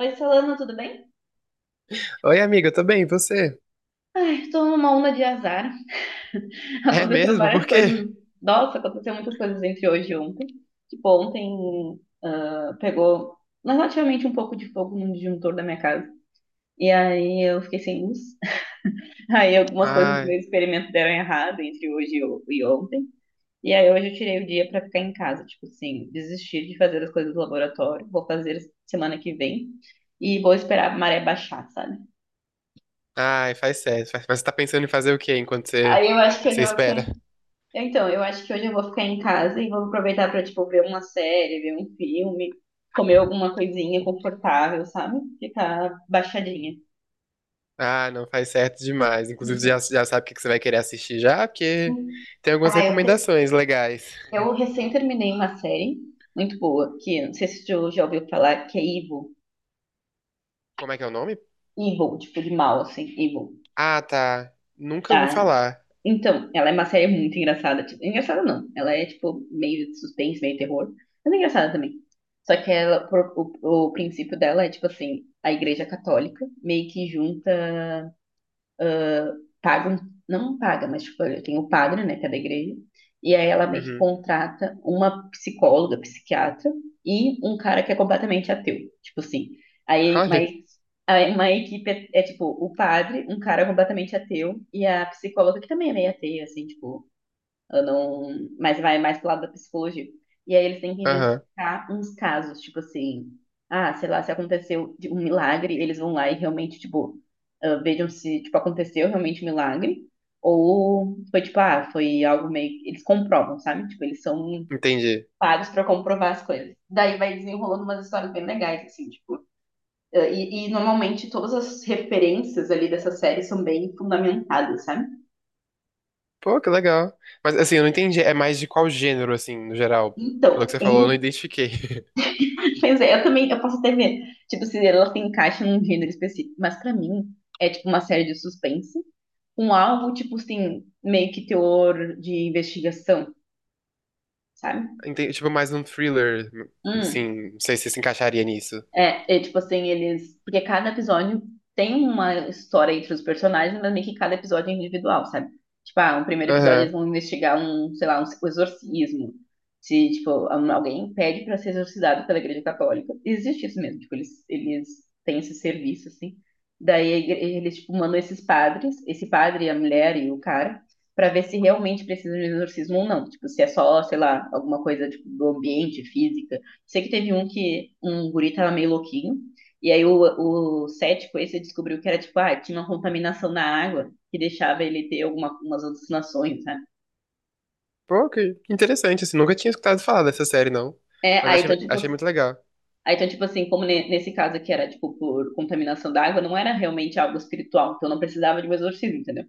Oi, Solano, tudo bem? Oi, amiga, eu tô bem, e você? Estou numa onda de azar. É Aconteceu mesmo? várias Por quê? coisas. Nossa, aconteceu muitas coisas entre hoje e ontem. Tipo, ontem pegou relativamente um pouco de fogo no disjuntor da minha casa. E aí eu fiquei sem luz. Aí algumas coisas do Ai, meu experimento deram errado entre hoje e ontem. E aí hoje eu tirei o dia pra ficar em casa. Tipo assim, desistir de fazer as coisas do laboratório. Vou fazer semana que vem. E vou esperar a maré baixar, sabe? ai, faz certo. Mas você tá pensando em fazer o quê enquanto Aí eu acho que eu você já vou ficar. espera? Então, eu acho que hoje eu vou ficar em casa e vou aproveitar pra, tipo, ver uma série, ver um filme, comer alguma coisinha confortável, sabe? Ficar baixadinha. Ah, não, faz certo demais. Inclusive, você já sabe o que que você vai querer assistir já, porque Uhum. tem algumas Ah, eu, te- recomendações legais. eu recém terminei uma série muito boa, que eu não sei se tu já ouviu falar, que é Evil. Como é que é o nome? Evil, tipo de mal, assim, Evil. Ah, tá. Nunca ouvi Ah, falar. Então, ela é uma série muito engraçada. Tipo, engraçada não. Ela é, tipo, meio de suspense, meio terror. Mas é engraçada também. Só que ela, o princípio dela é, tipo assim, a igreja católica meio que junta, paga, não paga, mas, tipo, tem o padre, né, que é da igreja. E aí ela meio que Uhum. contrata uma psicóloga, psiquiatra e um cara que é completamente ateu. Tipo assim. Aí, Olha. mas aí uma equipe é, tipo, o padre, um cara completamente ateu e a psicóloga que também é meio ateia, assim, tipo, eu não, mas vai mais pro lado da psicologia. E aí eles têm que Aham, investigar uns casos, tipo assim, ah, sei lá, se aconteceu de um milagre, eles vão lá e realmente, tipo, ah, vejam se, tipo, aconteceu realmente um milagre, ou foi, tipo, ah, foi algo meio, eles comprovam, sabe? Tipo, eles são entendi. pagos pra comprovar as coisas. Daí vai desenrolando umas histórias bem legais, assim, tipo, ah, e normalmente todas as referências ali dessa série são bem fundamentadas, sabe? Pô, que legal. Mas assim, eu não entendi. É mais de qual gênero, assim, no geral? Pelo que Então, você é. falou, eu não identifiquei. Pois é, eu também, eu posso até ver, tipo, se ela se encaixa num gênero específico, mas pra mim é tipo uma série de suspense, um algo tipo assim, meio que teor de investigação, sabe? Entendi, tipo, mais um thriller, Hum. assim, não sei se se encaixaria nisso. É, é tipo assim, eles. Porque cada episódio tem uma história entre os personagens, mas meio que cada episódio é individual, sabe? Tipo, ah, no primeiro episódio eles Aham. vão investigar um, sei lá, um exorcismo. Se, tipo, um- alguém pede pra ser exorcizado pela Igreja Católica. Existe isso mesmo, tipo, eles têm esse serviço, assim. Daí eles, tipo, mandam esses padres, esse padre, a mulher e o cara, pra ver se realmente precisa de um exorcismo ou não. Tipo, se é só, sei lá, alguma coisa, tipo, do ambiente, física. Sei que teve um que um guri tava meio louquinho, e aí o cético esse descobriu que era tipo, ah, tinha uma contaminação na água que deixava ele ter alguma, umas alucinações, sabe? Pô, que interessante, assim, nunca tinha escutado falar dessa série, não. É, Mas aí achei, então, tipo, achei muito legal. aí então, tipo assim, como ne- nesse caso aqui era tipo por contaminação da água, não era realmente algo espiritual, então não precisava de um exorcismo, entendeu?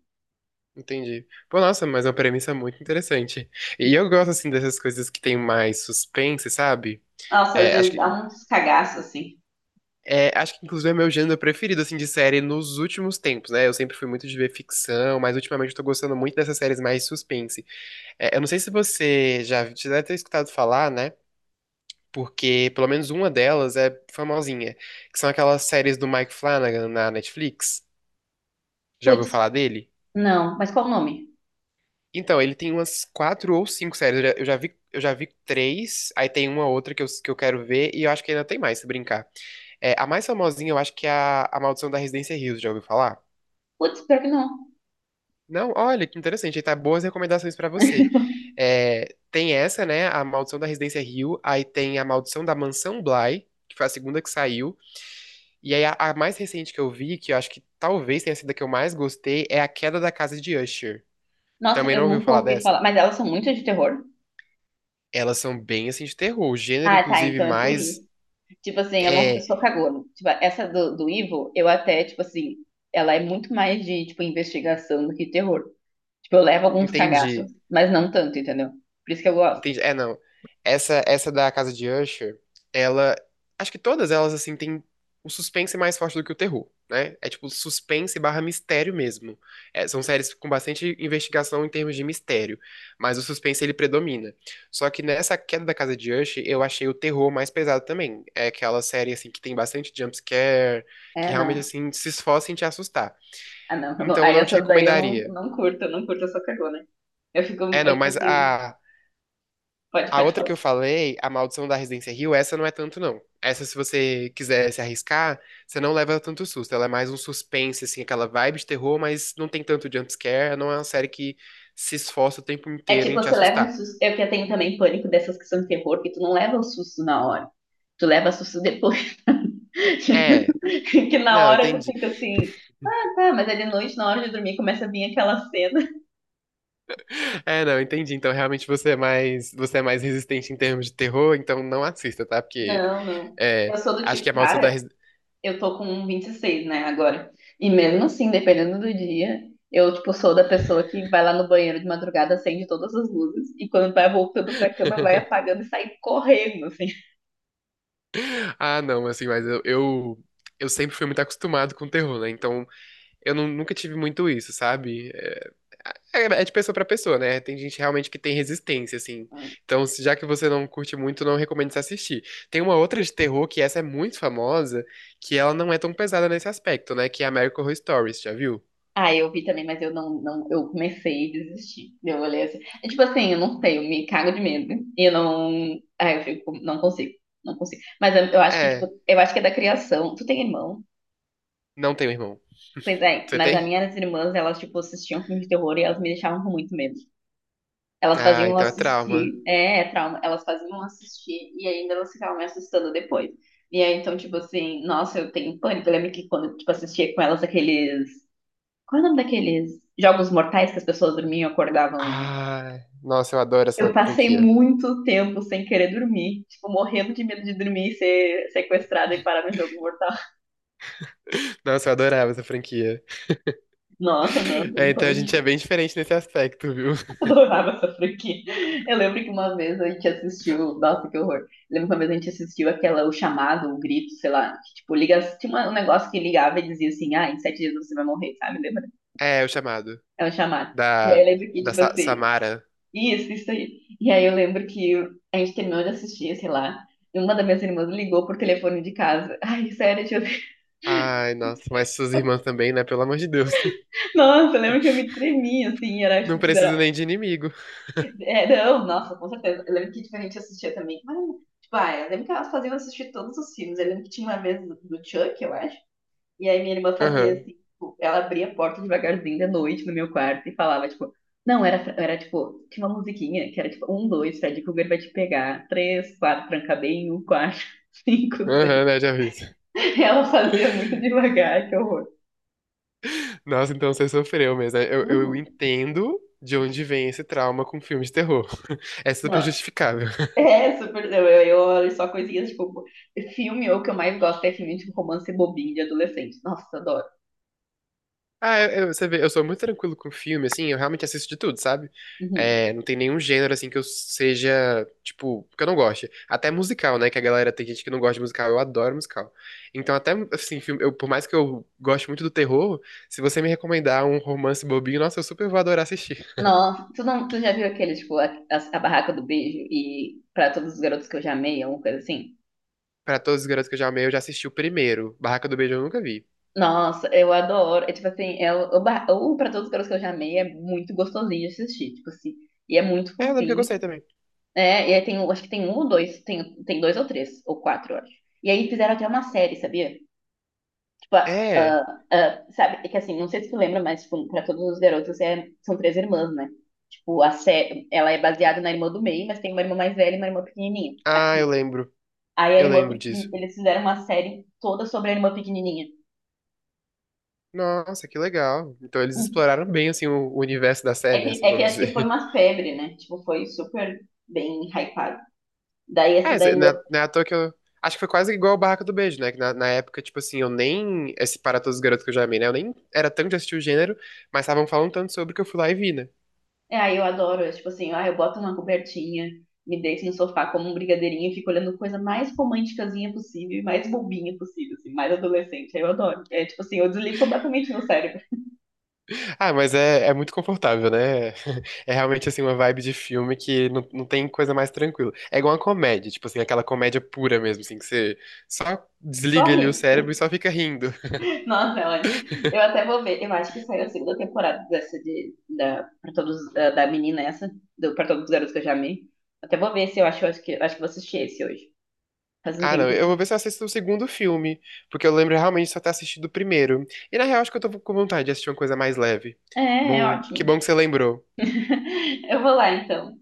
Entendi. Pô, nossa, mas é uma premissa muito interessante. E eu gosto, assim, dessas coisas que tem mais suspense, sabe? Nossa, às É, acho vezes dá que, uns cagaços assim. é, acho que inclusive é meu gênero preferido, assim, de série nos últimos tempos, né? Eu sempre fui muito de ver ficção, mas ultimamente eu tô gostando muito dessas séries mais suspense. É, eu não sei se você já deve ter escutado falar, né? Porque pelo menos uma delas é famosinha, que são aquelas séries do Mike Flanagan na Netflix. Já ouviu Putz, falar dele? não, mas qual o nome? Então, ele tem umas quatro ou cinco séries. Eu já vi três, aí tem uma outra que eu quero ver, e eu acho que ainda tem mais, se brincar. É, a mais famosinha, eu acho que é a Maldição da Residência Hills, já ouviu falar? Putz, pior que não. Não, olha, que interessante, aí tá boas recomendações pra você. É, tem essa, né, a Maldição da Residência Hill, aí tem a Maldição da Mansão Bly, que foi a segunda que saiu. E aí, a mais recente que eu vi, que eu acho que talvez tenha sido a que eu mais gostei, é A Queda da Casa de Usher. Nossa, Também eu não ouviu nunca falar ouvi falar, dessa? mas elas são muito de terror. Elas são bem assim de terror. O gênero, Ah, tá, inclusive, então é por mais isso. Tipo assim, eu não, eu é, sou cagona. Tipo, essa do Ivo, eu até, tipo assim, ela é muito mais de, tipo, investigação do que terror. Tipo, eu levo alguns entende. cagaços, mas não tanto, entendeu? Por isso que eu gosto. Entendi. É, não. Essa da Casa de Usher, ela. Acho que todas elas, assim, tem o suspense é mais forte do que o terror, né? É tipo suspense barra mistério mesmo. É, são séries com bastante investigação em termos de mistério, mas o suspense ele predomina. Só que nessa queda da Casa de Usher, eu achei o terror mais pesado também. É aquela série, assim, que tem bastante jumpscare, que É, realmente, não. assim, se esforça em te assustar. Ah, não. eu não. Então eu Aí não te essas daí eu não, recomendaria. não curto, eu não curto, eu sou cagona. Eu fico, É, é não, tipo mas assim, a, pode, A pode outra que falar. eu falei, A Maldição da Residência Hill, essa não é tanto, não. Essa, se você quiser se arriscar, você não leva tanto susto. Ela é mais um suspense, assim, aquela vibe de terror, mas não tem tanto jumpscare. Não é uma série que se esforça o tempo É inteiro tipo, em te você leva um assustar. susto. Eu que tenho também pânico dessas que são de terror, que tu não leva o susto na hora. Tu leva susto depois. É, Que na não, hora tu entendi. fica assim, ah, tá, mas é de noite, na hora de dormir, começa a vir aquela cena. É, não, entendi. Então, realmente, você é mais resistente em termos de terror, então não assista, tá? Porque, Não, não. é, Eu sou do acho que tipo, A Maldição da cara, Residência... eu tô com um 26, né, agora. E mesmo assim, dependendo do dia, eu, tipo, sou da pessoa que vai lá no banheiro de madrugada, acende todas as luzes, e quando vai voltando pra cama, vai apagando e sai correndo, assim. Ah, não, assim, eu sempre fui muito acostumado com terror, né? Então, nunca tive muito isso, sabe? É, é de pessoa pra pessoa, né? Tem gente realmente que tem resistência, assim. Hum. Então, já que você não curte muito, não recomendo você assistir. Tem uma outra de terror, que essa é muito famosa, que ela não é tão pesada nesse aspecto, né? Que é American Horror Stories, já viu? Ah, eu vi também, mas eu não, não, eu comecei a desistir. Eu olhei assim. É tipo assim, eu não sei, eu me cago de medo. E eu não. Ah, eu fico, não consigo. Mas eu acho que, tipo, É, eu acho que é da criação. Tu tem irmão? não tenho irmão. Pois é, Você mas as tem? minhas irmãs, elas, tipo, assistiam filme de terror e elas me deixavam com muito medo. Elas faziam Ah, eu então é trauma. assistir, é, é trauma, elas faziam eu assistir e ainda elas ficavam me assustando depois. E aí, então, tipo assim, nossa, eu tenho pânico. Eu lembro que quando, tipo, assistia com elas aqueles... Qual é o nome daqueles jogos mortais que as pessoas dormiam e acordavam? Ah, nossa, eu adoro Eu essa passei franquia. muito tempo sem querer dormir, tipo, morrendo de medo de dormir e ser sequestrada e parar no jogo mortal. Nossa, eu adorava essa franquia. Nossa, não, tem É, então a gente é pânico. bem diferente nesse aspecto, viu? Adorava essa franquia. Eu lembro que uma vez a gente assistiu. Nossa, que horror. Eu lembro que uma vez a gente assistiu aquela, o chamado, o grito, sei lá. Que, tipo, liga, tinha uma- um negócio que ligava e dizia assim: ah, em 7 dias você vai morrer, sabe? Lembra? É, o chamado. É um chamado. E aí eu Da, lembro que, da tipo assim, Samara. isso aí. E aí eu lembro que a gente terminou de assistir, sei lá. E uma das minhas irmãs ligou por telefone de casa. Ai, sério, tipo, Ai, nossa, mas suas irmãs também, né? Pelo amor de Deus. nossa, eu lembro que eu me tremia, assim, era, Não tipo. preciso nem de inimigo. É, não, nossa, com certeza. Eu lembro que tipo, a gente assistia também. Mas, tipo, ah, eu lembro que elas faziam assistir todos os filmes. Eu lembro que tinha uma vez do, do Chuck, eu acho. E aí minha irmã fazia Aham, assim, tipo, ela abria a porta devagarzinho da noite no meu quarto e falava, tipo, não, era, era tipo, tinha uma musiquinha que era tipo, um, dois, Fred Krueger vai te pegar. Três, quatro, tranca bem, um, quatro, cinco, aham, seis. né? Já vi isso. Ela fazia muito devagar, que horror. Nossa, então você sofreu mesmo, né? Eu Uhum. entendo de onde vem esse trauma com filme de terror. É super Não, justificável. é, super. Eu, eu olho só coisinhas tipo. Filme, o que eu mais gosto é filme tipo romance bobinho de adolescente. Nossa, adoro. Ah, você vê, eu sou muito tranquilo com filme, assim, eu realmente assisto de tudo, sabe? Uhum. É, não tem nenhum gênero, assim, que eu seja, tipo, que eu não goste. Até musical, né? Que a galera tem gente que não gosta de musical, eu adoro musical. Então, até, assim, filme, eu, por mais que eu goste muito do terror, se você me recomendar um romance bobinho, nossa, eu super vou adorar assistir. Nossa, tu, não, tu já viu aquele, tipo, a barraca do beijo e pra todos os garotos que eu já amei, alguma coisa assim? Pra todos os garotos que eu já amei, eu já assisti o primeiro. Barraca do Beijo eu nunca vi. Nossa, eu adoro. É tipo assim, é o pra todos os garotos que eu já amei é muito gostosinho de assistir, tipo assim. E é muito É, eu lembro que eu fofinho. gostei também. É, e aí tem, um- acho que tem um ou dois, tem dois ou três, ou quatro, eu acho. E aí fizeram até uma série, sabia? Tipo, É. Sabe, é que assim, não sei se tu lembra, mas, tipo, pra todos os garotos é- são três irmãs, né? Tipo, a Sé, ela é baseada na irmã do meio, mas tem uma irmã mais velha e uma irmã pequenininha, Ah, eu aqui. lembro. Aí a Eu irmã lembro pequenininha, disso. eles fizeram uma série toda sobre a irmã pequenininha. Nossa, que legal. Então eles Hum. exploraram bem, assim, o universo da série, né, assim, É que vamos acho que foi dizer. uma febre, né? Tipo, foi super bem hypado. Daí essa É, da cê- irmã. Não é à toa que eu... Acho que foi quase igual o Barraca do Beijo, né, que na época, tipo assim, eu nem... Esse Para Todos os Garotos que eu já amei, né, eu nem era tanto de assistir o gênero, mas estavam falando tanto sobre que eu fui lá e vi, né. É, aí eu adoro, é tipo assim, ah, eu boto uma cobertinha, me deito no sofá como um brigadeirinho e fico olhando coisa mais românticazinha possível, e mais bobinha possível, assim, mais adolescente. Aí eu adoro. É tipo assim, eu desligo completamente meu cérebro. Ah, mas é muito confortável, né. É realmente, assim, uma vibe de filme que não tem coisa mais tranquila. É igual uma comédia, tipo assim, aquela comédia pura mesmo, assim, que você só Só desliga ali ri. o cérebro e só fica rindo. Nossa, é ótimo. Eu até vou ver. Eu acho que saiu a segunda temporada dessa de, da, pra todos, da, da menina essa, do, pra todos os garotos que eu já amei. Até vou ver se eu acho, eu acho que vou assistir esse hoje. Faz um Ah, não. Eu tempinho. vou ver se eu assisto o segundo filme, porque eu lembro realmente só ter assistido o primeiro. E na real, acho que eu tô com vontade de assistir uma coisa mais leve. É, é ótimo. Bom que você lembrou. Eu vou lá então.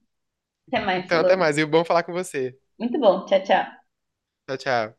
Até mais, Então, até Solano. mais. E bom falar com você. Muito bom. Tchau, tchau. Tchau, tchau.